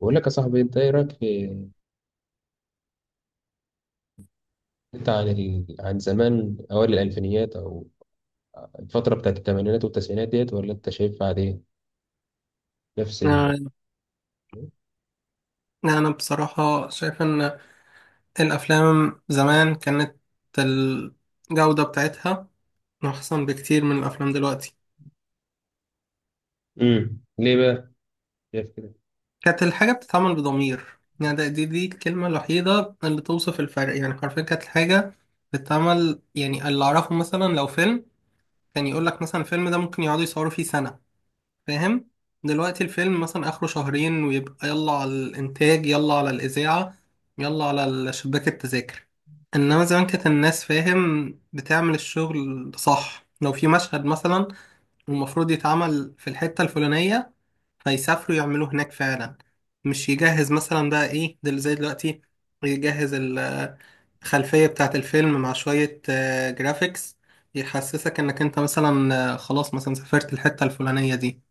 بقول لك يا صاحبي، انت ايه رايك في انت عن ال... عن زمان اوائل الالفينيات او الفتره بتاعت الثمانينات والتسعينات ديت، ولا انت شايفها عاديه نفس ال أنا أنا بصراحة شايف إن الأفلام زمان كانت الجودة بتاعتها أحسن بكتير من الأفلام دلوقتي. ليه بقى شايف كده؟ كانت الحاجة بتتعمل بضمير، يعني دي الكلمة الوحيدة اللي توصف الفرق، يعني حرفيا كانت الحاجة بتتعمل. يعني اللي أعرفه مثلا لو فيلم كان يقولك مثلا الفيلم ده ممكن يقعدوا يصوروا فيه سنة، فاهم؟ دلوقتي الفيلم مثلا اخره شهرين، ويبقى يلا على الانتاج، يلا على الاذاعه، يلا على شباك التذاكر. انما زمان كانت الناس، فاهم، بتعمل الشغل صح. لو في مشهد مثلا المفروض يتعمل في الحته الفلانيه، فيسافروا يعملوه هناك فعلا، مش يجهز مثلا بقى ايه دل زي دلوقتي. يجهز الخلفيه بتاعه الفيلم مع شويه جرافيكس، يحسسك انك انت مثلا، خلاص، مثلا سافرت الحته الفلانيه دي.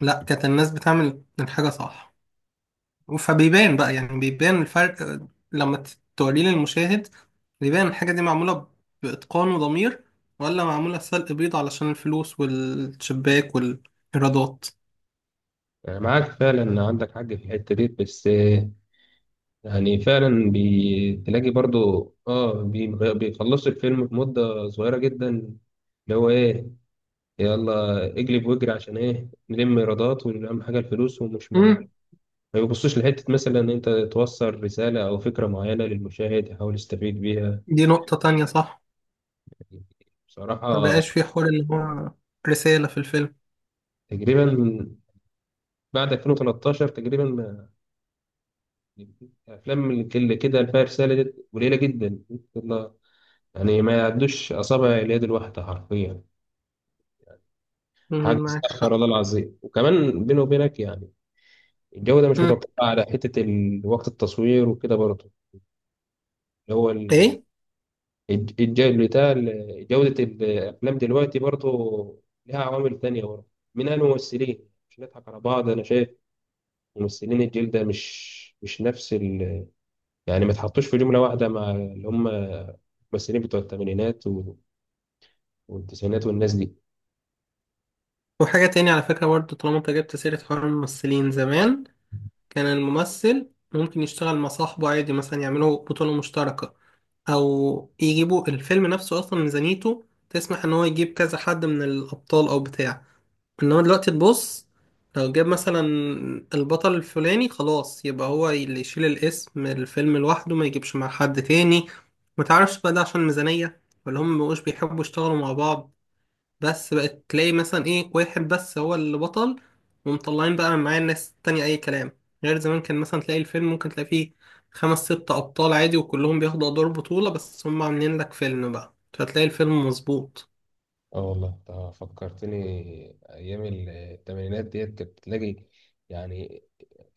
لا، كانت الناس بتعمل الحاجة صح، فبيبان بقى، يعني بيبان الفرق لما توريه للمشاهد. بيبان الحاجة دي معمولة بإتقان وضمير، ولا معمولة سلق بيض علشان الفلوس والشباك والإيرادات. أنا معاك فعلا، عندك حق في الحته دي، بس يعني فعلا بتلاقي برضو اه بيخلصوا الفيلم في مده صغيره جدا، اللي هو ايه؟ يلا اجلب واجري عشان ايه؟ نلم ايرادات، واهم حاجه الفلوس ومش ما مم. بيبصوش لحتة مثلا إن أنت توصل رسالة أو فكرة معينة للمشاهد يحاول يستفيد بيها. دي نقطة تانية، صح. ما بصراحة بقاش في حوار اللي هو رسالة في الفيلم. تقريبا من بعد 2013 تقريبا الأفلام اللي كده اللي فيها رسالة دي قليلة جدا، والله. يعني ما يعدوش أصابع اليد الواحدة حرفيا. حاجة مم، معاك استغفر حق. الله العظيم. وكمان بيني وبينك، يعني الجودة مش مم. متوقعة على حتة وقت التصوير وكده برضه. اللي هو إيه. بتاع جودة الأفلام دلوقتي برضه لها عوامل تانية برضه، منها الممثلين. مش نضحك على بعض، أنا شايف ممثلين الجيل ده مش نفس ال، يعني ما تحطوش في جملة واحدة مع اللي هم الممثلين بتوع الثمانينات والتسعينات والناس دي. وحاجة تانية على فكرة برضه، طالما أنت جبت سيرة حوار الممثلين زمان، كان الممثل ممكن يشتغل مع صاحبه عادي، مثلا يعملوا بطولة مشتركة، او يجيبوا الفيلم نفسه اصلا ميزانيته تسمح ان هو يجيب كذا حد من الابطال او بتاع. انما دلوقتي تبص، لو جاب مثلا البطل الفلاني خلاص يبقى هو اللي يشيل الاسم الفيلم لوحده، ما يجيبش مع حد تاني. متعرفش بقى ده عشان ميزانية ولا هم مبقوش بيحبوا يشتغلوا مع بعض، بس بقت تلاقي مثلا، ايه، واحد بس هو اللي بطل، ومطلعين بقى معاه الناس التانية اي كلام. غير زمان، كان مثلا تلاقي الفيلم ممكن تلاقي فيه خمس ست ابطال عادي، وكلهم بياخدوا ادوار بطولة، بس هم عاملين لك فيلم بقى فتلاقي الفيلم مظبوط. اه والله انت فكرتني ايام الثمانينات ديت، كنت تلاقي يعني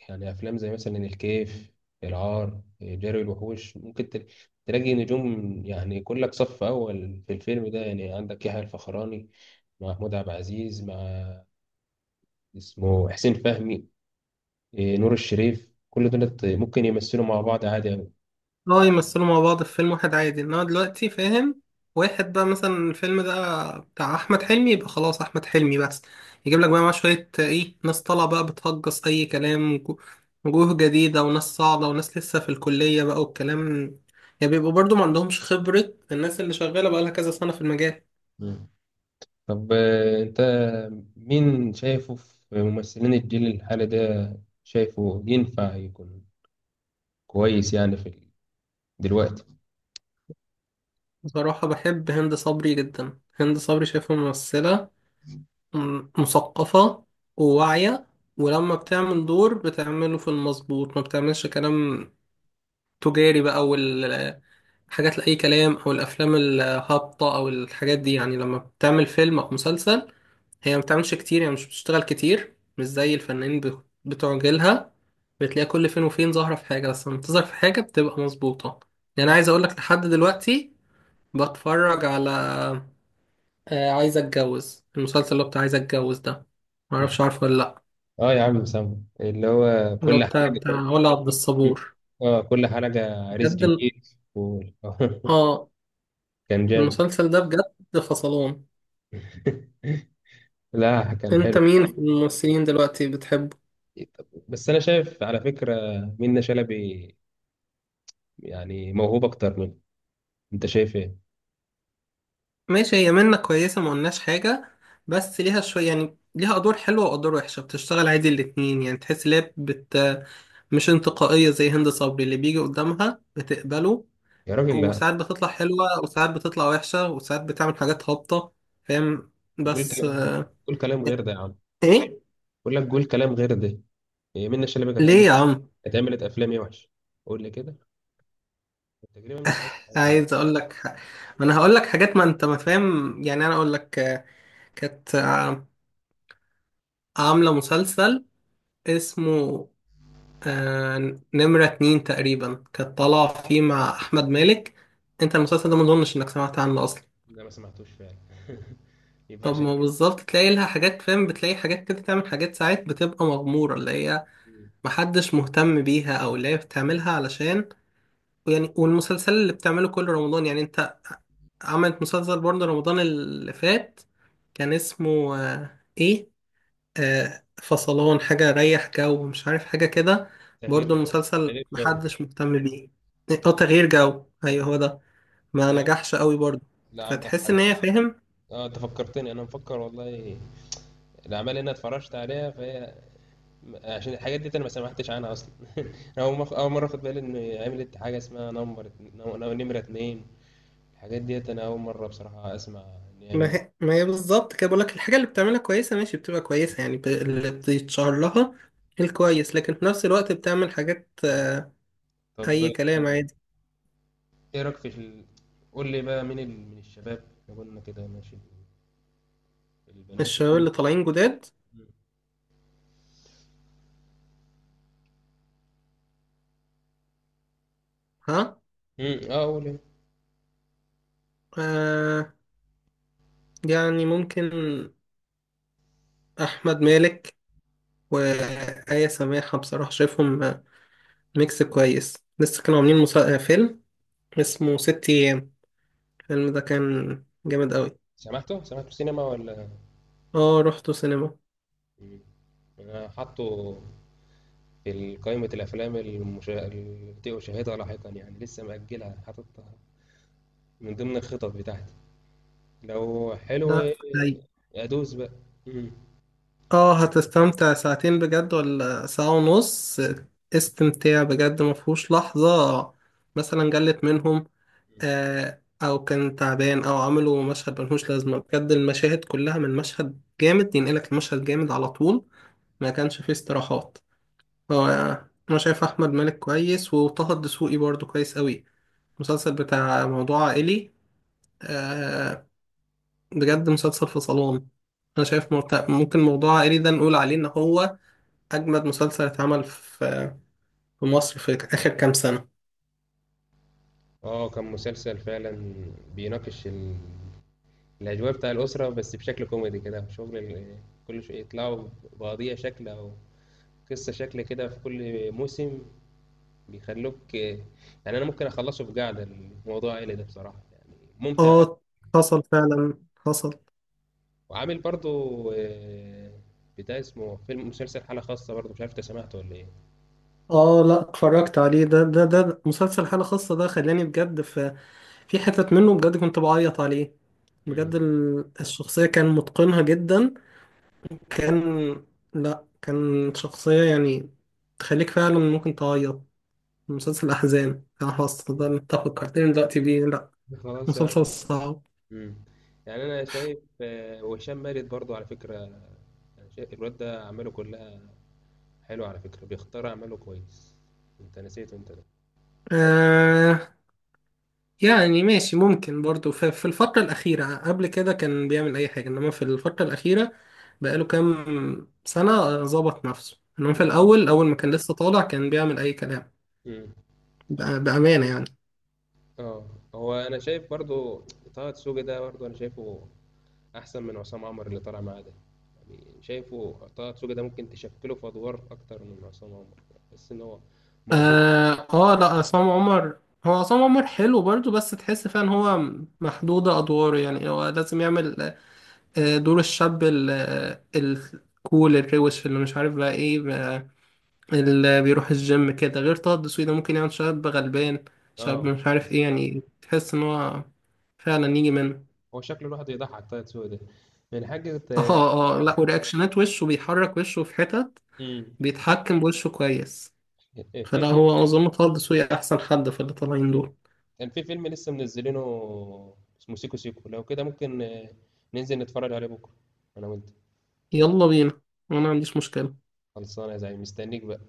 يعني افلام زي مثلا الكيف، العار، جري الوحوش، ممكن تلاقي نجوم يعني كلك صف اول في الفيلم ده، يعني عندك يحيى الفخراني مع محمود عبد العزيز مع اسمه حسين فهمي، إيه، نور الشريف، كل دول ممكن يمثلوا مع بعض عادي أوي. اه، يمثلوا مع بعض في فيلم واحد عادي. انما دلوقتي، فاهم، واحد بقى مثلا الفيلم ده بتاع احمد حلمي، يبقى خلاص احمد حلمي بس. يجيب لك بقى معاه شويه، ايه، ناس طالعه بقى بتهجص اي كلام، وجوه جديده وناس صاعده وناس لسه في الكليه بقى والكلام. يعني بيبقوا برضو ما عندهمش خبره، الناس اللي شغاله بقى لها كذا سنه في المجال. مم. طب انت مين شايفه في ممثلين الجيل الحالي ده؟ شايفه ينفع يكون كويس يعني في دلوقتي؟ بصراحه بحب هند صبري جدا. هند صبري شايفها ممثله مثقفه وواعيه، ولما بتعمل دور بتعمله في المظبوط، ما بتعملش كلام التجاري بقى والحاجات لأي كلام أو الأفلام الهابطة أو الحاجات دي. يعني لما بتعمل فيلم أو مسلسل، هي ما بتعملش كتير، يعني مش بتشتغل كتير مش زي الفنانين بتوع جيلها. بتلاقيها كل فين وفين ظاهرة في حاجة، بس لما بتظهر في حاجة بتبقى مظبوطة. يعني أنا عايز أقولك لحد دلوقتي بتفرج على، عايز أتجوز، المسلسل اللي هو بتاع عايز أتجوز ده. معرفش عارفه ولا لأ؟ اه يا عم سامو اللي هو اللي هو كل بتاع حاجة. بتاع ولا عبد مم. الصبور. اه كل حاجة رزق بجد جديد. و... اه، كان جامد. المسلسل ده بجد فصلان. لا كان انت حلو. مين في الممثلين دلوقتي بتحبه؟ بس انا شايف على فكرة منة شلبي يعني موهوب اكتر منه، انت شايف ايه؟ ماشي، هي منة كويسة، ما قلناش حاجة، بس ليها شوية، يعني ليها أدوار حلوة وأدوار وحشة، بتشتغل عادي الاتنين، يعني تحس إن هي مش انتقائية زي هند صبري. اللي بيجي قدامها بتقبله، يا راجل لا، وساعات بتطلع حلوة وساعات بتطلع وحشة وساعات بتعمل حاجات هابطة، فاهم؟ وقول بس. كلام، قول كلام غير ده يا عم. إيه. بقول لك قول كلام غير ده. هي منة شلبي كانت ليه هتعمل، يا عم؟ كانت عملت افلام ايه وحش؟ قول لي كده. تقريبا من الاخر حاجة وحشة. عايز أقول لك، ما أنا هقول لك حاجات ما أنت ما فاهم. يعني أنا أقول لك، كانت عاملة مسلسل اسمه آه نمرة 2، تقريبا، كانت طالعة فيه مع أحمد مالك. أنت المسلسل ده مظنش إنك سمعت عنه أصلا. ده ما سمعتوش فعلا. يبقى طب عشان ما كده. بالظبط تلاقي لها حاجات، فاهم، بتلاقي حاجات كده، تعمل حاجات ساعات بتبقى مغمورة، اللي هي مم. محدش مهتم بيها، أو اللي هي بتعملها علشان، يعني. والمسلسل اللي بتعمله كل رمضان، يعني أنت عملت مسلسل برضه رمضان اللي فات، كان اسمه إيه؟ فصلان حاجة ريح جو، مش عارف، حاجة كده. تغيير برضو جو. المسلسل تغيير جو. محدش مهتم بيه. اه، تغيير جو، ايوه مم. هو ده. ما لا، نجحش قوي برضو. لا عندك فتحس ان حاجة. هي، فاهم، اه انت فكرتني، انا مفكر والله الاعمال اللي انا اتفرجت عليها، فهي عشان الحاجات دي انا ما سمعتش عنها اصلا. انا اول اول مره اخد بالي ان عملت حاجه اسمها نمبر نمره اتنين. الحاجات ديت انا اول مره بصراحه اسمع ان هي ما عملت. هي, ما هي بالظبط كده بقولك الحاجة اللي بتعملها كويسة، ماشي، بتبقى كويسة، يعني اللي بيتشهر لها الكويس، لكن في نفس الوقت بتعمل حاجات طب اي كلام عادي. ايه رايك في ال...؟ قول لي بقى مين ال... من الشباب، لو قلنا كده ماشي البنات؟ الشباب مم. اللي طالعين جداد؟ ها. مم. اه قول إيه. آه يعني ممكن احمد مالك وآية سماحة، بصراحة شايفهم ميكس كويس. لسه كانوا عاملين مسا... آه، فيلم اسمه 6 أيام، الفيلم ده كان جامد أوي. سمعته، سمعته سينما ولا؟ اه، رحته سينما. مم. انا حاطه قائمة الأفلام التي أشاهدها لاحقا، يعني لسه مأجلها حاططها من ضمن الخطط بتاعتي. لو لا. حلو هي. أدوس بقى. مم. اه، هتستمتع ساعتين بجد ولا ساعة ونص استمتاع، بجد مفهوش لحظة مثلا جلت منهم أو كان تعبان أو عملوا مشهد ملهوش لازمة. بجد المشاهد كلها من مشهد جامد ينقلك المشهد جامد على طول، ما كانش فيه استراحات. هو، أنا شايف أحمد مالك كويس، وطه الدسوقي برضه كويس أوي. مسلسل بتاع موضوع عائلي، آه بجد مسلسل في صالون. انا شايف ممكن موضوع عائلي ده نقول عليه ان هو اجمد مسلسل اتعمل في مصر في اخر كام سنة. اه كان مسلسل فعلا بيناقش ال...، الأجواء بتاع الأسرة بس بشكل كوميدي كده، شغل ال...، كل شوية يطلعوا بقضية شكل أو قصة شكل كده في كل موسم، بيخلوك يعني أنا ممكن أخلصه في قعدة. الموضوع العائلي ده بصراحة يعني ممتع. اه، حصل فعلا، حصل. وعامل برضو بتاع اسمه فيلم مسلسل حالة خاصة برضو، مش عارف انت سمعته ولا ايه؟ اه، لا، اتفرجت عليه. ده مسلسل حالة خاصة. ده خلاني بجد في حتت منه بجد كنت بعيط عليه. مم. بجد الشخصية كان متقنها جدا. كان، لا كان شخصية، يعني، تخليك فعلا ممكن تعيط. مسلسل الأحزان، أنا خلاص نقدر نتفق، فكرتني دلوقتي بيه، لأ خلاص يا عم. مسلسل صعب. مم. يعني انا شايف وهشام مارد برضو على فكرة. يعني شايف الواد ده اعماله كلها حلوة على فكرة، بيختار اعماله كويس، انت نسيته انت ده. آه يعني ماشي، ممكن برضو في الفترة الأخيرة قبل كده كان بيعمل أي حاجة، إنما في الفترة الأخيرة بقاله كام سنة ظبط نفسه. إنما في يا عم. الأول، أول ما كان لسه طالع كان بيعمل أي كلام. مم. بأمانة، يعني. اه. هو انا شايف برضو طه دسوقي ده برضو انا شايفه احسن من عصام عمر اللي طالع معاه ده. يعني شايفه طه دسوقي ده ممكن تشكله في ادوار اكتر من عصام عمر، بس ان هو موهوب. لأ عصام عمر، هو عصام عمر حلو برضو، بس تحس فعلا هو محدودة أدواره، يعني هو لازم يعمل دور الشاب ال- الكول الروش اللي مش عارف بقى ايه بقى، اللي بيروح الجيم كده. غير طه الدسوقي ده ممكن يعمل شاب غلبان، شاب اه مش عارف ايه، يعني تحس ان هو فعلا يجي منه. هو شكله الواحد يضحك، طه دسوقي ده، من حاجة. اه، اه، لا، ورياكشنات وشه، بيحرك وشه في حتت، امم بيتحكم بوشه كويس. في فلا، فيلم، هو اظن طه الدسوقي احسن حد في اللي طالعين دول. كان في فيلم لسه منزلينه، اسمه سيكو سيكو، لو كده ممكن ننزل نتفرج عليه بكرة أنا وأنت. يلا بينا، وانا ما عنديش مشكلة. خلصانة يا زعيم، مستنيك بقى.